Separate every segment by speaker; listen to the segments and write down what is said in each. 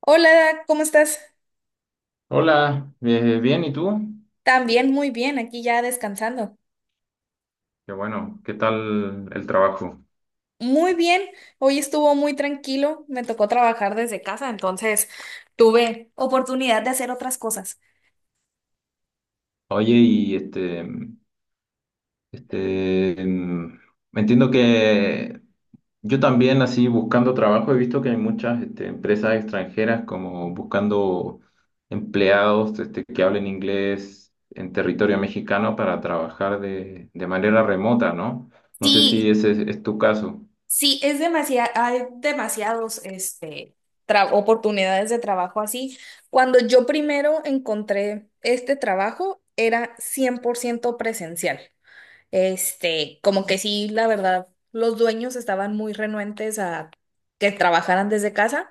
Speaker 1: Hola, ¿cómo estás?
Speaker 2: Hola, bien, ¿y tú?
Speaker 1: También muy bien, aquí ya descansando.
Speaker 2: Qué bueno, ¿qué tal el trabajo?
Speaker 1: Muy bien, hoy estuvo muy tranquilo, me tocó trabajar desde casa, entonces tuve oportunidad de hacer otras cosas.
Speaker 2: Oye, y este, mm, entiendo que yo también así buscando trabajo he visto que hay muchas empresas extranjeras como buscando empleados que hablen inglés en territorio mexicano para trabajar de manera remota, ¿no? No sé si
Speaker 1: Sí,
Speaker 2: ese es tu caso.
Speaker 1: sí, es demasiado, hay demasiados, oportunidades de trabajo así. Cuando yo primero encontré este trabajo, era 100% presencial. Como que sí, la verdad, los dueños estaban muy renuentes a que trabajaran desde casa.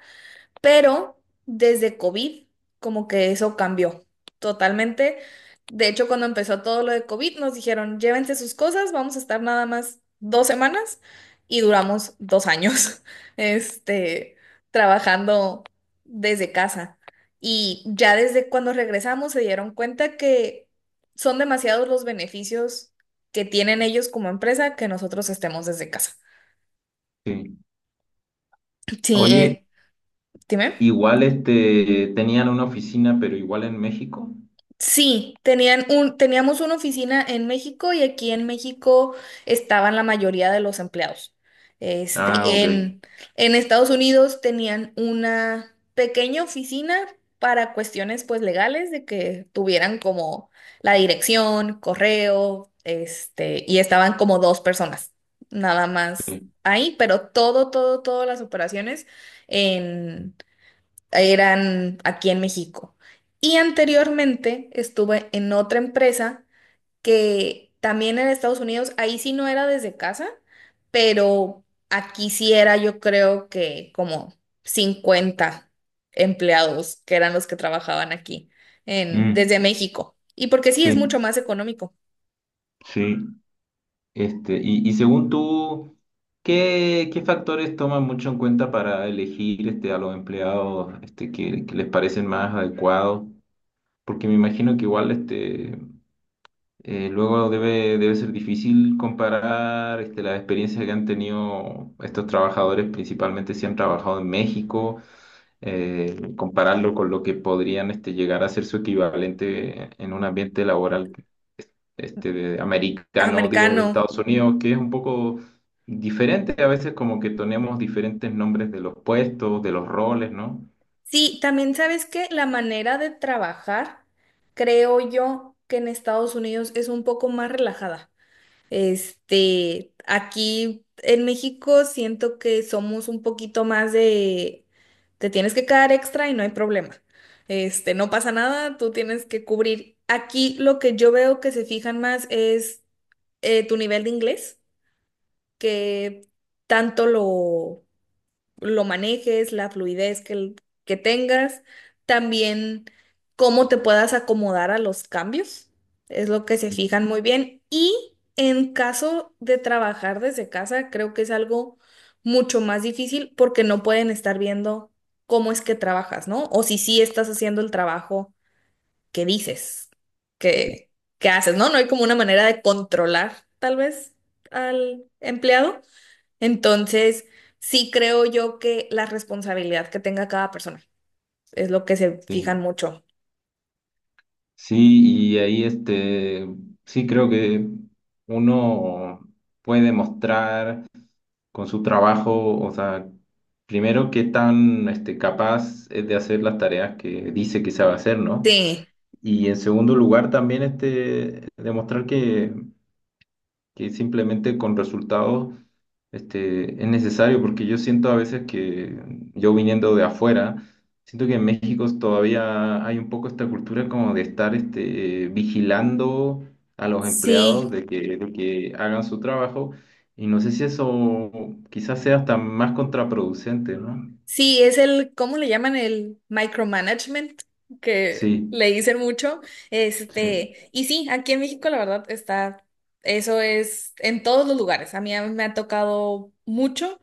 Speaker 1: Pero desde COVID, como que eso cambió totalmente. De hecho, cuando empezó todo lo de COVID, nos dijeron, llévense sus cosas, vamos a estar nada más 2 semanas y duramos 2 años, este, trabajando desde casa. Y ya desde cuando regresamos se dieron cuenta que son demasiados los beneficios que tienen ellos como empresa que nosotros estemos desde casa.
Speaker 2: Sí.
Speaker 1: Sí,
Speaker 2: Oye,
Speaker 1: dime.
Speaker 2: igual tenían una oficina, pero igual en México.
Speaker 1: Sí, tenían un, teníamos una oficina en México y aquí en México estaban la mayoría de los empleados.
Speaker 2: Ah,
Speaker 1: Este,
Speaker 2: ok.
Speaker 1: en, en Estados Unidos tenían una pequeña oficina para cuestiones pues legales de que tuvieran como la dirección, correo, y estaban como dos personas, nada más
Speaker 2: Sí,
Speaker 1: ahí, pero todo, todo, todas las operaciones eran aquí en México. Y anteriormente estuve en otra empresa que también en Estados Unidos, ahí sí no era desde casa, pero aquí sí era, yo creo que como 50 empleados que eran los que trabajaban aquí en, desde
Speaker 2: mm,
Speaker 1: México. Y porque sí es mucho
Speaker 2: sí,
Speaker 1: más económico,
Speaker 2: sí. Y, y según tú, ¿qué factores toman mucho en cuenta para elegir a los empleados que les parecen más adecuados? Porque me imagino que igual luego debe ser difícil comparar las experiencias que han tenido estos trabajadores, principalmente si han trabajado en México, compararlo con lo que podrían llegar a ser su equivalente en un ambiente laboral americano, digo, de
Speaker 1: americano.
Speaker 2: Estados Unidos, que es un poco diferente. A veces como que tenemos diferentes nombres de los puestos, de los roles, ¿no?
Speaker 1: Sí, también sabes que la manera de trabajar, creo yo que en Estados Unidos es un poco más relajada. Aquí en México siento que somos un poquito más de, te tienes que quedar extra y no hay problema. No pasa nada, tú tienes que cubrir. Aquí lo que yo veo que se fijan más es tu nivel de inglés, que tanto lo manejes, la fluidez que tengas, también cómo te puedas acomodar a los cambios, es lo que se fijan muy bien. Y en caso de trabajar desde casa, creo que es algo mucho más difícil porque no pueden estar viendo cómo es que trabajas, ¿no? O si sí estás haciendo el trabajo, qué dices, qué, qué haces, ¿no? No hay como una manera de controlar, tal vez, al empleado. Entonces, sí creo yo que la responsabilidad que tenga cada persona es lo que se fijan
Speaker 2: Sí,
Speaker 1: mucho.
Speaker 2: sí, y ahí sí creo que uno puede mostrar con su trabajo, o sea, primero qué tan capaz es de hacer las tareas que dice que sabe hacer, ¿no?
Speaker 1: Sí,
Speaker 2: Y en segundo lugar también demostrar que simplemente con resultados es necesario, porque yo siento a veces que yo viniendo de afuera, siento que en México todavía hay un poco esta cultura como de estar vigilando a los empleados
Speaker 1: sí,
Speaker 2: de que hagan su trabajo, y no sé si eso quizás sea hasta más contraproducente, ¿no?
Speaker 1: sí, es el, ¿cómo le llaman? El micromanagement que
Speaker 2: Sí,
Speaker 1: le dicen mucho.
Speaker 2: sí,
Speaker 1: Y sí, aquí en México la verdad está, eso es en todos los lugares. A mí me ha tocado mucho,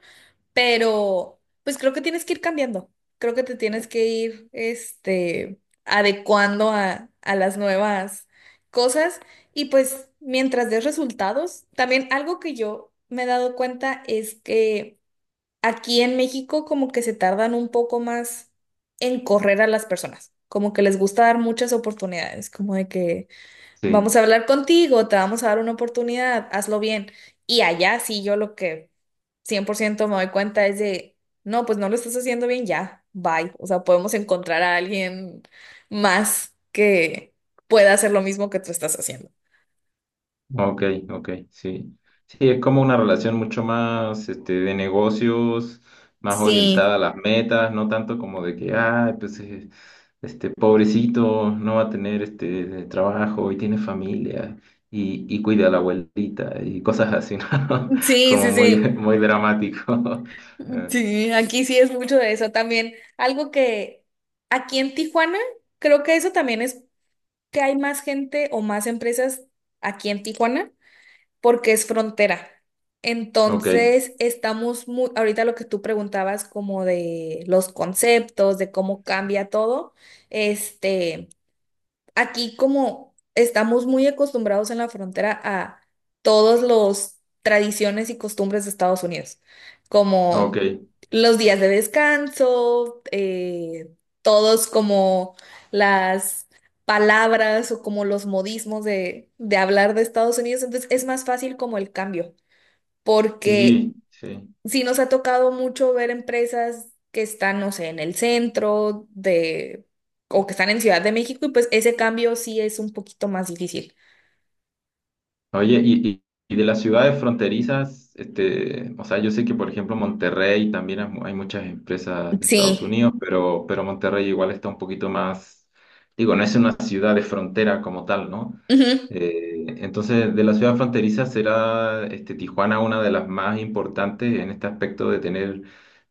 Speaker 1: pero pues creo que tienes que ir cambiando. Creo que te tienes que ir adecuando a las nuevas cosas, y pues mientras des resultados, también algo que yo me he dado cuenta es que aquí en México como que se tardan un poco más en correr a las personas. Como que les gusta dar muchas oportunidades, como de que vamos
Speaker 2: sí.
Speaker 1: a hablar contigo, te vamos a dar una oportunidad, hazlo bien. Y allá sí, yo lo que 100% me doy cuenta es de, no, pues no lo estás haciendo bien ya, bye. O sea, podemos encontrar a alguien más que pueda hacer lo mismo que tú estás haciendo.
Speaker 2: Ok, ok, sí. Sí, es como una relación mucho más de negocios, más orientada a
Speaker 1: Sí,
Speaker 2: las metas, no tanto como de que, ay, pues este pobrecito no va a tener este trabajo y tiene familia y cuida a la abuelita y cosas así, ¿no?
Speaker 1: sí,
Speaker 2: Como
Speaker 1: sí,
Speaker 2: muy,
Speaker 1: sí.
Speaker 2: muy dramático. Eh,
Speaker 1: Sí, aquí sí es mucho de eso también. Algo que aquí en Tijuana, creo que eso también es que hay más gente o más empresas aquí en Tijuana porque es frontera.
Speaker 2: ok,
Speaker 1: Entonces, estamos muy, ahorita lo que tú preguntabas como de los conceptos, de cómo cambia todo, este aquí como estamos muy acostumbrados en la frontera a todos los tradiciones y costumbres de Estados Unidos,
Speaker 2: ok,
Speaker 1: como los días de descanso, todos como las palabras o como los modismos de hablar de Estados Unidos, entonces es más fácil como el cambio, porque
Speaker 2: sí, sí.
Speaker 1: sí nos ha tocado mucho ver empresas que están, no sé, en el centro de, o que están en Ciudad de México, y pues ese cambio sí es un poquito más difícil.
Speaker 2: Oye, y de las ciudades fronterizas, o sea, yo sé que por ejemplo Monterrey también hay hay muchas empresas de Estados
Speaker 1: Sí,
Speaker 2: Unidos, pero Monterrey igual está un poquito más, digo, no es una ciudad de frontera como tal, ¿no?
Speaker 1: ujú.
Speaker 2: Entonces, de las ciudades fronterizas será Tijuana una de las más importantes en este aspecto de tener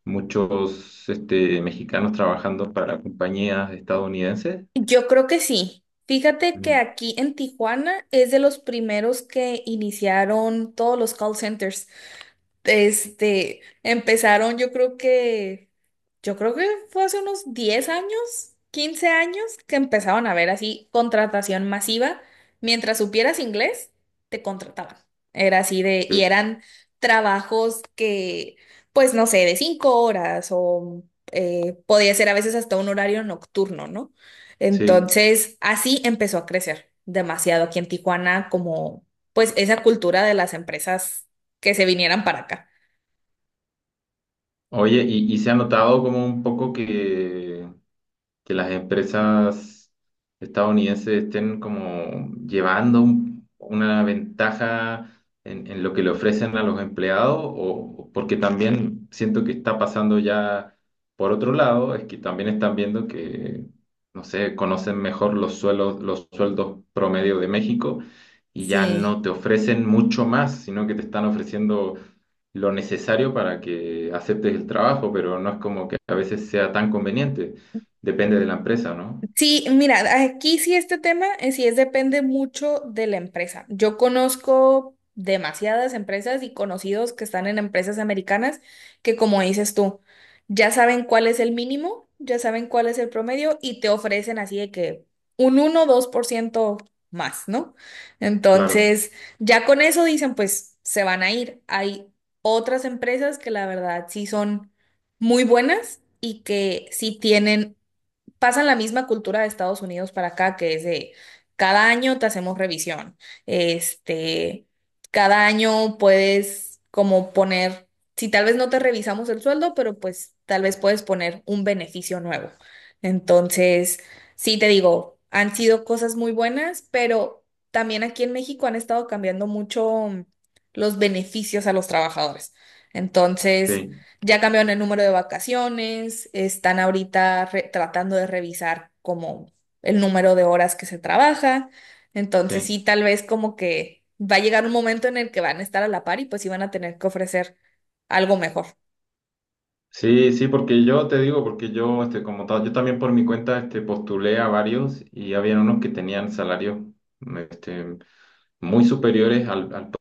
Speaker 2: muchos mexicanos trabajando para compañías estadounidenses.
Speaker 1: Yo creo que sí. Fíjate que
Speaker 2: Mm.
Speaker 1: aquí en Tijuana es de los primeros que iniciaron todos los call centers. Empezaron, yo creo que fue hace unos 10 años, 15 años, que empezaron a ver así contratación masiva. Mientras supieras inglés, te contrataban. Era así de, y
Speaker 2: Sí.
Speaker 1: eran trabajos que, pues no sé, de 5 horas o podía ser a veces hasta un horario nocturno, ¿no?
Speaker 2: Sí.
Speaker 1: Entonces, así empezó a crecer demasiado aquí en Tijuana como, pues, esa cultura de las empresas que se vinieran para acá.
Speaker 2: Oye, y se ha notado como un poco que las empresas estadounidenses estén como llevando una ventaja en lo que le ofrecen a los empleados, o porque también siento que está pasando ya por otro lado, es que también están viendo que, no sé, conocen mejor los suelos, los sueldos promedio de México y ya
Speaker 1: Sí.
Speaker 2: no te ofrecen mucho más, sino que te están ofreciendo lo necesario para que aceptes el trabajo, pero no es como que a veces sea tan conveniente. Depende de la empresa, ¿no?
Speaker 1: Sí, mira, aquí sí este tema sí es, depende mucho de la empresa. Yo conozco demasiadas empresas y conocidos que están en empresas americanas que, como dices tú, ya saben cuál es el mínimo, ya saben cuál es el promedio y te ofrecen así de que un 1 o 2% más, ¿no?
Speaker 2: Claro,
Speaker 1: Entonces, ya con eso dicen, pues se van a ir. Hay otras empresas que la verdad sí son muy buenas y que sí tienen, pasan la misma cultura de Estados Unidos para acá, que es de cada año te hacemos revisión. Este, cada año puedes como poner, si tal vez no te revisamos el sueldo, pero pues tal vez puedes poner un beneficio nuevo. Entonces, sí te digo, han sido cosas muy buenas, pero también aquí en México han estado cambiando mucho los beneficios a los trabajadores. Entonces,
Speaker 2: sí,
Speaker 1: ya cambiaron el número de vacaciones, están ahorita tratando de revisar como el número de horas que se trabaja. Entonces
Speaker 2: sí.
Speaker 1: sí, tal vez como que va a llegar un momento en el que van a estar a la par y pues sí van a tener que ofrecer algo mejor.
Speaker 2: Sí, sí, porque yo te digo, porque yo, como tal, yo también por mi cuenta, postulé a varios y había unos que tenían salarios, mm, este, muy superiores al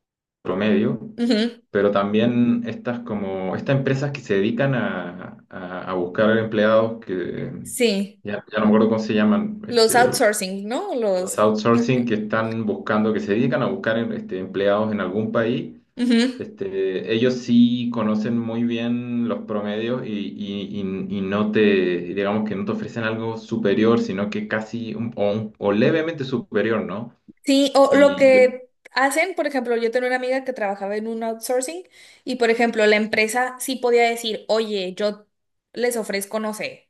Speaker 2: promedio,
Speaker 1: Ujú.
Speaker 2: pero también estas como, estas empresas que se dedican a buscar empleados que,
Speaker 1: Sí,
Speaker 2: ya no me acuerdo cómo se llaman,
Speaker 1: los outsourcing, ¿no?
Speaker 2: los
Speaker 1: Los... ah,
Speaker 2: outsourcing
Speaker 1: eh.
Speaker 2: que están buscando, que se dedican a buscar, empleados en algún país.
Speaker 1: Ujú.
Speaker 2: Ellos sí conocen muy bien los promedios y, y no te, digamos que no te ofrecen algo superior, sino que casi un- o levemente superior, ¿no?
Speaker 1: Sí, o lo
Speaker 2: Y, y-
Speaker 1: que hacen, por ejemplo, yo tengo una amiga que trabajaba en un outsourcing y, por ejemplo, la empresa sí podía decir, oye, yo les ofrezco, no sé,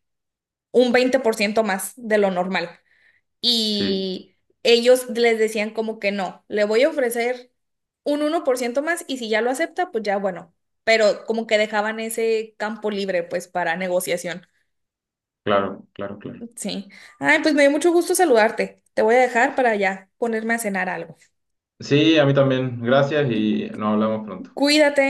Speaker 1: un 20% más de lo normal.
Speaker 2: sí,
Speaker 1: Y ellos les decían como que no, le voy a ofrecer un 1% más y si ya lo acepta, pues ya bueno. Pero como que dejaban ese campo libre, pues, para negociación.
Speaker 2: claro, claro, claro.
Speaker 1: Sí. Ay, pues me dio mucho gusto saludarte. Te voy a dejar para ya ponerme a cenar algo.
Speaker 2: Sí, a mí también. Gracias y nos hablamos pronto.
Speaker 1: Cuídate.